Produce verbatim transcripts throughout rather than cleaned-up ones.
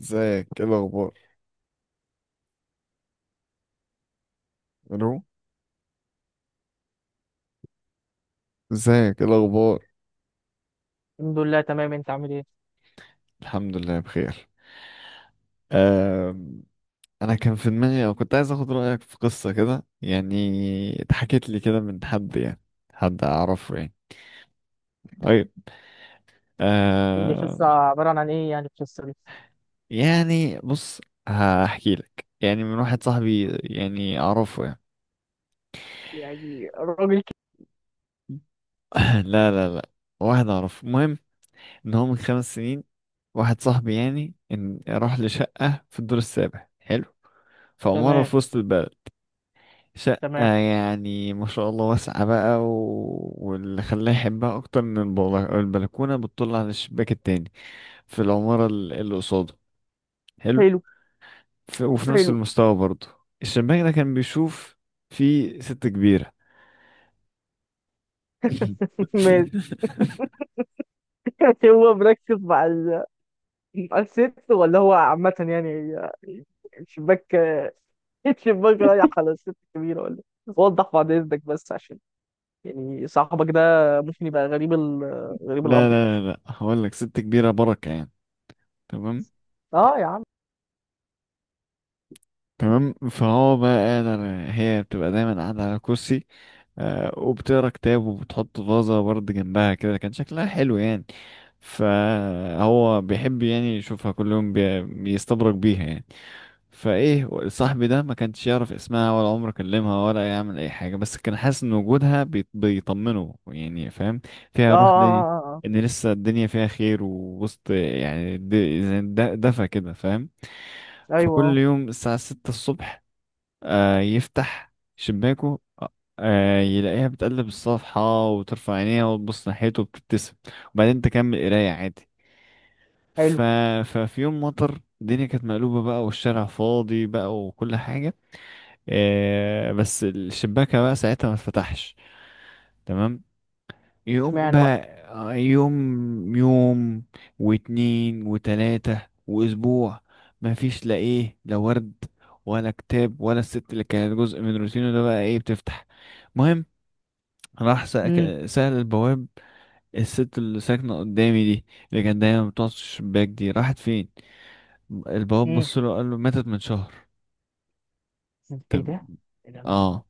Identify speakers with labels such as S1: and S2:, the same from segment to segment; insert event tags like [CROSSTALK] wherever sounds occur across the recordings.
S1: ازيك، ايه الاخبار؟ الو؟ ازيك، ايه الاخبار؟
S2: الحمد لله، تمام. انت عامل ايه؟
S1: الحمد لله بخير. أم... انا كان في دماغي او كنت عايز اخد رايك في قصه كده، يعني اتحكت لي كده من حد يعني، حد اعرفه يعني. طيب.
S2: دي
S1: أم...
S2: قصة عبارة عن ايه يعني القصة دي؟
S1: يعني بص، هحكي لك يعني، من واحد صاحبي يعني اعرفه يعني.
S2: يعني راجل ك-
S1: [CLEARS THROAT] [LAUGHS] لا لا لا، واحد اعرفه. المهم ان هو من خمس سنين، واحد صاحبي يعني، ان راح لشقه في الدور السابع. حلو. في عماره
S2: تمام.
S1: في وسط البلد. شقة
S2: تمام.
S1: يعني ما شاء الله واسعة بقى و... واللي خلاه يحبها أكتر من البلا- البلكونة بتطل على الشباك التاني في العمارة ال- اللي قصاده. حلو.
S2: حلو.
S1: ف... وفي نفس
S2: حلو.
S1: المستوى برضه، الشباك ده كان بيشوف في ست كبيرة [LAUGHS]
S2: [LAUGHS] ماشي. [LAUGHS] هو مركز مع ال... مع الست ولا هو عامة يعني؟ الشباك. [LAUGHS] الشباك رايح على الست الكبيرة ولا؟ إيه؟ وضح بعد اذنك بس عشان يعني صاحبك ده ممكن يبقى غريب ال... غريب
S1: لا
S2: الامر.
S1: لا لا لا، هقول لك، ست كبيرة بركة يعني. تمام.
S2: اه يا عم.
S1: تمام، فهو بقى قادر، هي بتبقى دايما قاعدة على كرسي، آه، وبتقرا كتاب وبتحط فازة برضه جنبها كده، كان شكلها حلو يعني. فهو بيحب يعني يشوفها كل يوم، بي- بيستبرك بيها يعني. فايه، صاحبي ده ما كانش يعرف اسمها ولا عمره كلمها ولا يعمل اي حاجة، بس كان حاسس ان وجودها بيط- بيطمنه، يعني فاهم،
S2: اه،
S1: فيها روح دي،
S2: اه، اه.
S1: ان لسه الدنيا فيها خير ووسط يعني، د- زي د- دفى كده فاهم.
S2: آه. ايوه.
S1: فكل
S2: آه.
S1: يوم الساعة ستة الصبح آه يفتح شباكه، آه يلاقيها بتقلب الصفحة وترفع عينيها وتبص ناحيته وبتبتسم، وبعدين تكمل قراية عادي. ف...
S2: حلو.
S1: ففي يوم مطر، الدنيا كانت مقلوبة بقى والشارع فاضي بقى وكل حاجة، آه بس الشباكة بقى ساعتها ما اتفتحش. تمام. يوم
S2: اشمعنى
S1: بقى،
S2: بقى؟
S1: آه، يوم يوم واتنين وتلاتة وأسبوع، مفيش لا إيه لا ورد ولا كتاب ولا الست اللي كانت جزء من روتينه ده بقى إيه بتفتح. المهم راح
S2: امم.
S1: سأك- سأل البواب: الست اللي ساكنة قدامي دي، اللي كانت دايما بتقعد في الشباك دي، راحت فين؟ البواب
S2: امم.
S1: بص له قال له ماتت من شهر.
S2: ايه
S1: طب.
S2: ده؟ ايه ده؟ الله،
S1: اه.
S2: الله.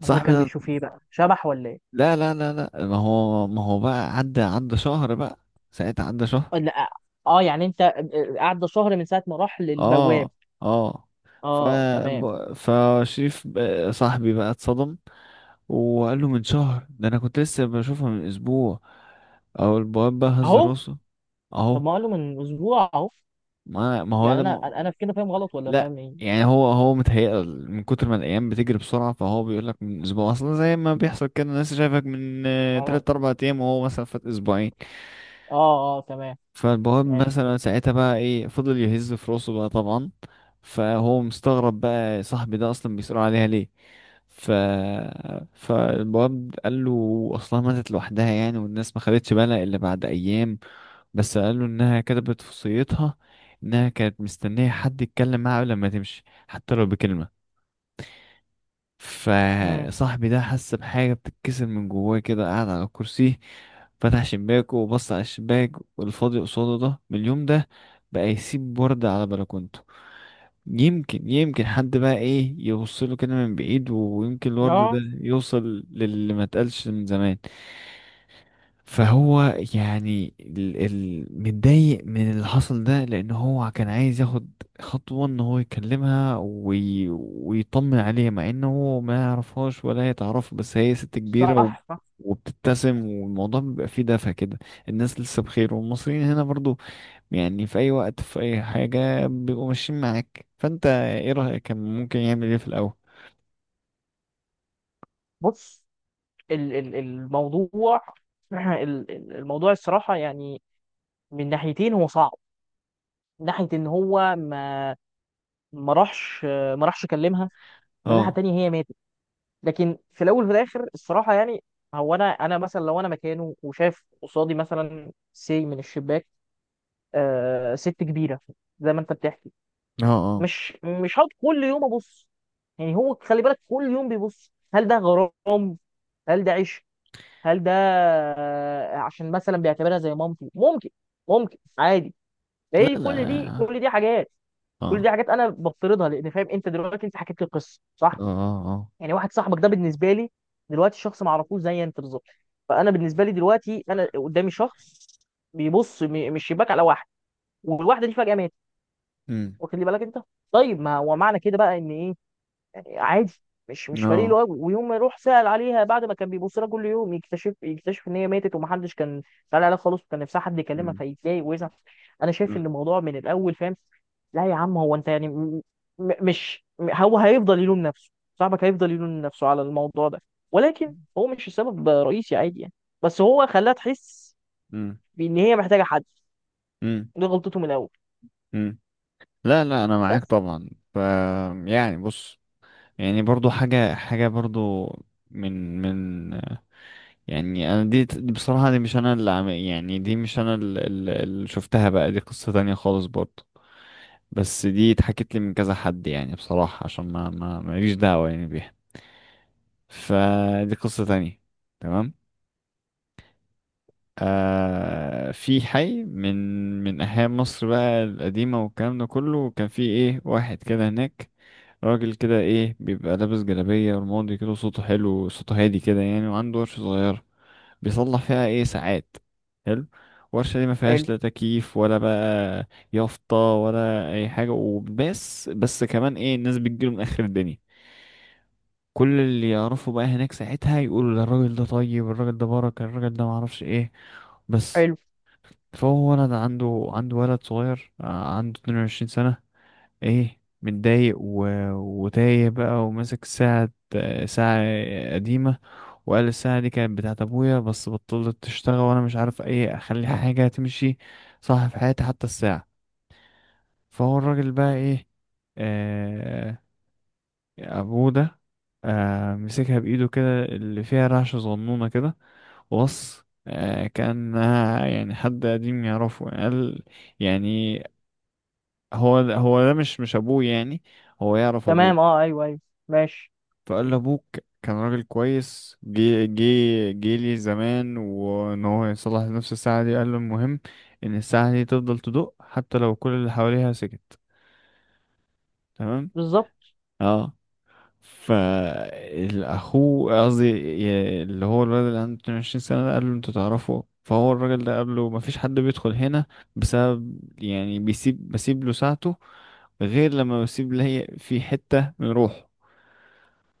S2: ما هو
S1: صاحبي
S2: كان
S1: ده،
S2: بيشوف ايه بقى، شبح ولا ايه؟
S1: لا لا لا لا، ما هو ما هو بقى عدى عدى شهر بقى، ساعتها عدى شهر.
S2: آه، لا. اه، يعني انت آه، قعد شهر من ساعه ما راح للبواب؟
S1: اه. اه. ف
S2: اه، تمام.
S1: ب- فشريف، ب- صاحبي بقى اتصدم، وقال له من شهر ده؟ انا كنت لسه بشوفها من اسبوع. او البواب بقى هز
S2: اهو.
S1: راسه.
S2: طب
S1: اهو.
S2: ما قاله من اسبوع اهو.
S1: ما ما هو
S2: يعني انا
S1: لما،
S2: انا في كده فاهم غلط ولا
S1: لا.
S2: فاهم ايه؟
S1: يعني هو، هو متهيأ من كتر ما الايام بتجري بسرعه، فهو بيقول لك من اسبوع اصلا، زي ما بيحصل كده، الناس شايفك من آه،
S2: اه،
S1: تلات اربع ايام وهو مثلا فات اسبوعين.
S2: اه، اه. تمام.
S1: فالبواب
S2: ماشي.
S1: مثلا ساعتها بقى ايه، فضل يهز في راسه بقى طبعا. فهو مستغرب بقى صاحبي ده اصلا بيسأله عليها ليه. ف فالواد قال له اصلها ماتت لوحدها يعني، والناس ما خدتش بالها الا بعد ايام، بس قال له انها كتبت في وصيتها انها كانت مستنيه حد يتكلم معاها قبل ما تمشي، حتى لو بكلمه.
S2: امم.
S1: فصاحبي ده حس بحاجة بتتكسر من جواه كده قاعد على الكرسي. فتح شباكه وبص على الشباك والفاضي قصاده ده، من اليوم ده بقى يسيب وردة على بلكونته، يمكن، يمكن حد بقى ايه يوصله كده من بعيد، ويمكن الورد ده
S2: اه.
S1: يوصل للي ما اتقالش من زمان. فهو يعني، ال- ال- متضايق من اللي حصل ده، لان هو كان عايز ياخد خطوة ان هو يكلمها وي... ويطمن عليها، مع انه هو ما يعرفهاش ولا هي تعرفه، بس هي ست كبيرة و...
S2: صح.
S1: وبتبتسم والموضوع بيبقى فيه دفى كده، الناس لسه بخير، والمصريين هنا برضو يعني في اي وقت في اي حاجة بيبقوا ماشيين معاك. فانت ايه رأيك؟ كان ممكن يعمل ايه في الاول؟
S2: بص، ال ال الموضوع. [CLEARS THROAT] ال- ال- الموضوع الصراحه يعني من ناحيتين هو صعب. من ناحيه ان هو ما ما راحش ما راحش كلمها. من ناحيه
S1: اه.
S2: تانية هي ماتت. لكن في الاول وفي الاخر الصراحه يعني هو انا انا مثلا، لو انا مكانه وشاف قصادي مثلا سي من الشباك، آه ست كبيره زي ما انت بتحكي،
S1: اه. اه.
S2: مش مش هقعد كل يوم ابص. يعني هو خلي بالك كل يوم بيبص. هل ده غرام؟ هل ده عشق؟ هل ده آه، عشان مثلا بيعتبرها زي مامتي؟ ممكن. ممكن عادي.
S1: لا
S2: هي كل دي
S1: لا.
S2: كل دي حاجات. كل
S1: اه.
S2: دي حاجات انا بفترضها لان فاهم انت دلوقتي، انت حكيت لي قصه
S1: اه.
S2: صح.
S1: اه. اه.
S2: يعني واحد صاحبك ده بالنسبه لي دلوقتي شخص ما اعرفوش زي انت بالظبط. فانا بالنسبه لي دلوقتي انا قدامي شخص بيبص م- من الشباك على واحد، والواحده دي فجاه ماتت.
S1: امم.
S2: واخد لي بالك انت؟ طيب، ما هو معنى كده بقى ان ايه؟ عادي. مش مش فريق
S1: اه.
S2: له قوي، ويوم ما يروح سأل عليها بعد ما كان بيبص لها كل يوم يكتشف يكتشف ان هي ماتت، ومحدش كان سأل عليها خالص، وكان نفسها حد يكلمها، فيتضايق ويزعل. انا شايف ان
S1: مم.
S2: الموضوع من الاول فاهم. لا يا عم، هو انت يعني م- م- مش م- هو هيفضل يلوم نفسه. صاحبك هيفضل يلوم نفسه على الموضوع ده، ولكن هو مش السبب رئيسي عادي يعني. بس هو خلاها تحس
S1: مم.
S2: بان هي محتاجه حد.
S1: مم.
S2: دي غلطته من الاول.
S1: مم. لا لا، انا معاك
S2: بس.
S1: طبعا. ف يعني بص، يعني برضو حاجه حاجه برضو، من من، يعني انا، دي دي بصراحه، دي مش انا اللي عم يعني، دي مش انا اللي، اللي شفتها بقى، دي قصه تانية خالص برضو، بس دي اتحكت لي من كذا حد يعني بصراحه، عشان ما ما ماليش دعوه يعني بيها. فدي قصه تانية. تمام. آه، في حي من من أحياء مصر بقى القديمة، والكلام ده كله كان في إيه، واحد كده هناك، راجل كده إيه بيبقى لابس جلابية رمادي كده، صوته حلو صوته هادي كده يعني، وعنده ورشة صغيرة بيصلح فيها إيه ساعات. حلو. الورشة دي ما
S2: حلو.
S1: فيهاش لا تكييف ولا بقى يافطة ولا أي حاجة، وبس بس كمان إيه الناس بتجيله من آخر الدنيا، كل اللي يعرفوا بقى هناك ساعتها يقولوا ده، الراجل ده طيب، الراجل ده بركة، الراجل ده معرفش إيه. بس.
S2: حلو.
S1: فهو ولد عنده عنده ولد صغير، آه، عنده اتنين وعشرين سنة، ايه متضايق و... وتايه بقى، وماسك ساعة آه، ساعة قديمة، وقال الساعة دي كانت بتاعت أبويا، بس بطلت تشتغل، وأنا مش عارف ايه أخلي حاجة تمشي صح في حياتي، حتى الساعة. فهو الراجل بقى ايه، آه، أبوه ده، آه مسكها بإيده كده اللي فيها رعشة صغنونة كده، وص آه كان، يعني حد قديم يعرفه قال يعني، هو ده هو ده مش مش ابوه يعني، هو يعرف ابوه.
S2: تمام. اه، ايوه، ايوه. ماشي.
S1: فقال له ابوك كان راجل كويس، جه جه جه لي زمان، وان هو يصلح نفس الساعه دي، قال له المهم ان الساعه دي تفضل تدق حتى لو كل اللي حواليها سكت. تمام.
S2: بالظبط.
S1: اه. فالاخو قصدي ي- اللي هو الولد اللي عنده اتنين وعشرين سنه ده، قال له انتوا تعرفوا؟ فهو الراجل ده قال له مفيش حد بيدخل هنا بسبب يعني، بيسيب بسيب له ساعته غير لما بسيب لي في حتة من روحه.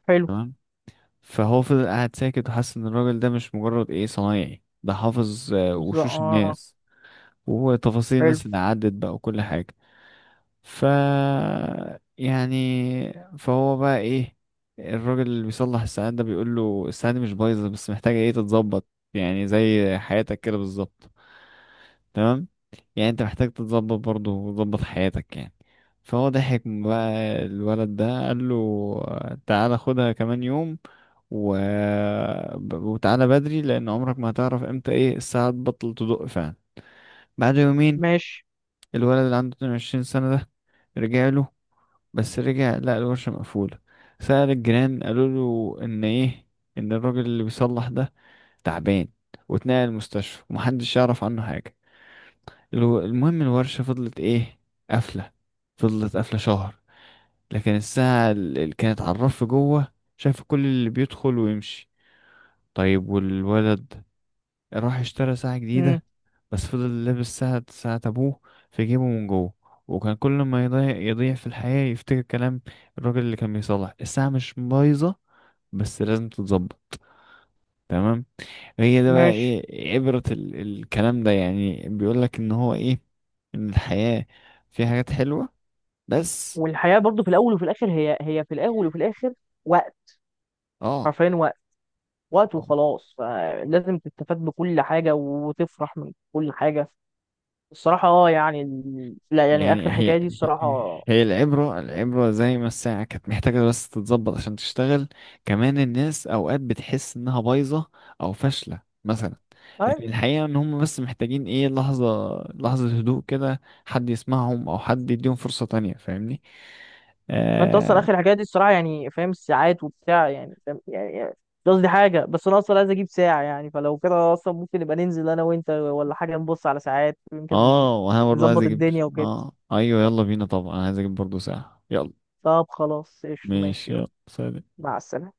S2: حلو.
S1: تمام. فهو فضل قاعد ساكت، وحس ان الراجل ده مش مجرد ايه صنايعي، ده حافظ آه،
S2: بالظبط،
S1: وشوش
S2: اه.
S1: الناس وتفاصيل
S2: حلو.
S1: الناس اللي عدت بقى وكل حاجة. ف يعني فهو بقى ايه، الراجل اللي بيصلح الساعات ده بيقول له الساعة دي مش بايظة بس محتاجة ايه تتظبط، يعني زي حياتك كده بالظبط. تمام. يعني انت محتاج تتظبط برضه، وتظبط حياتك يعني. فهو ضحك بقى الولد ده، قال له آه، تعالى خدها كمان يوم و... ب- وتعالى بدري، لان عمرك ما هتعرف امتى ايه الساعة تبطل تدق فعلا. بعد يومين
S2: ماشي.
S1: الولد اللي عنده اتنين وعشرين سنة ده رجع له، بس رجع لقى الورشة مقفولة. سأل الجيران، قالوا له ان ايه ان الراجل اللي بيصلح ده تعبان، واتنقل المستشفى، ومحدش يعرف عنه حاجة. الو- المهم الورشة فضلت ايه قافلة، فضلت قافلة شهر، لكن الساعة اللي كانت على الرف جوه شايفة كل اللي بيدخل ويمشي. طيب، والولد راح اشترى ساعة
S2: امم.
S1: جديدة، بس فضل لابس ساعة ساعة أبوه في جيبه من جوه، وكان كل ما يضيع، يضيع في الحياة، يفتكر كلام الراجل اللي كان بيصلح: الساعة مش بايظة بس لازم تتظبط. تمام. هي ده بقى
S2: ماشي.
S1: ايه عبرة ال الكلام ده يعني، بيقولك ان هو ايه، ان الحياة فيها حاجات حلوة. بس.
S2: والحياة برضو في الأول وفي الآخر، هي هي في الأول وفي الآخر وقت.
S1: اه.
S2: حرفيا وقت. وقت
S1: آه.
S2: وخلاص، فلازم تستفاد بكل حاجة وتفرح من كل حاجة. الصراحة اه يعني ال- لا، يعني
S1: يعني
S2: آخر
S1: هي،
S2: حكاية دي الصراحة.
S1: هي العبرة العبرة زي ما الساعة كانت محتاجة بس تتظبط عشان تشتغل، كمان الناس أوقات بتحس إنها بايظة أو فاشلة مثلا،
S2: أي.
S1: لكن الحقيقة إن هم بس محتاجين إيه لحظة، لحظة هدوء كده، حد يسمعهم أو حد يديهم فرصة تانية. فاهمني؟
S2: ما أنت أصلا
S1: آه.
S2: آخر حكاية دي الصراحة، يعني فاهم الساعات وبتاع، يعني فاهم يعني يعني قصدي حاجة، بس أنا أصلا عايز أجيب ساعة. يعني فلو كده أصلا ممكن نبقى ننزل أنا وأنت ولا حاجة، نبص على ساعات يمكن
S1: آه وأنا برضه عايز
S2: نظبط
S1: أجيب،
S2: الدنيا وكده.
S1: آه أيوه يلا بينا طبعا، أنا عايز أجيب برضه ساعة، يلا.
S2: طب خلاص، قشطة،
S1: ماشي،
S2: ماشي.
S1: يلا سلام.
S2: مع السلامة.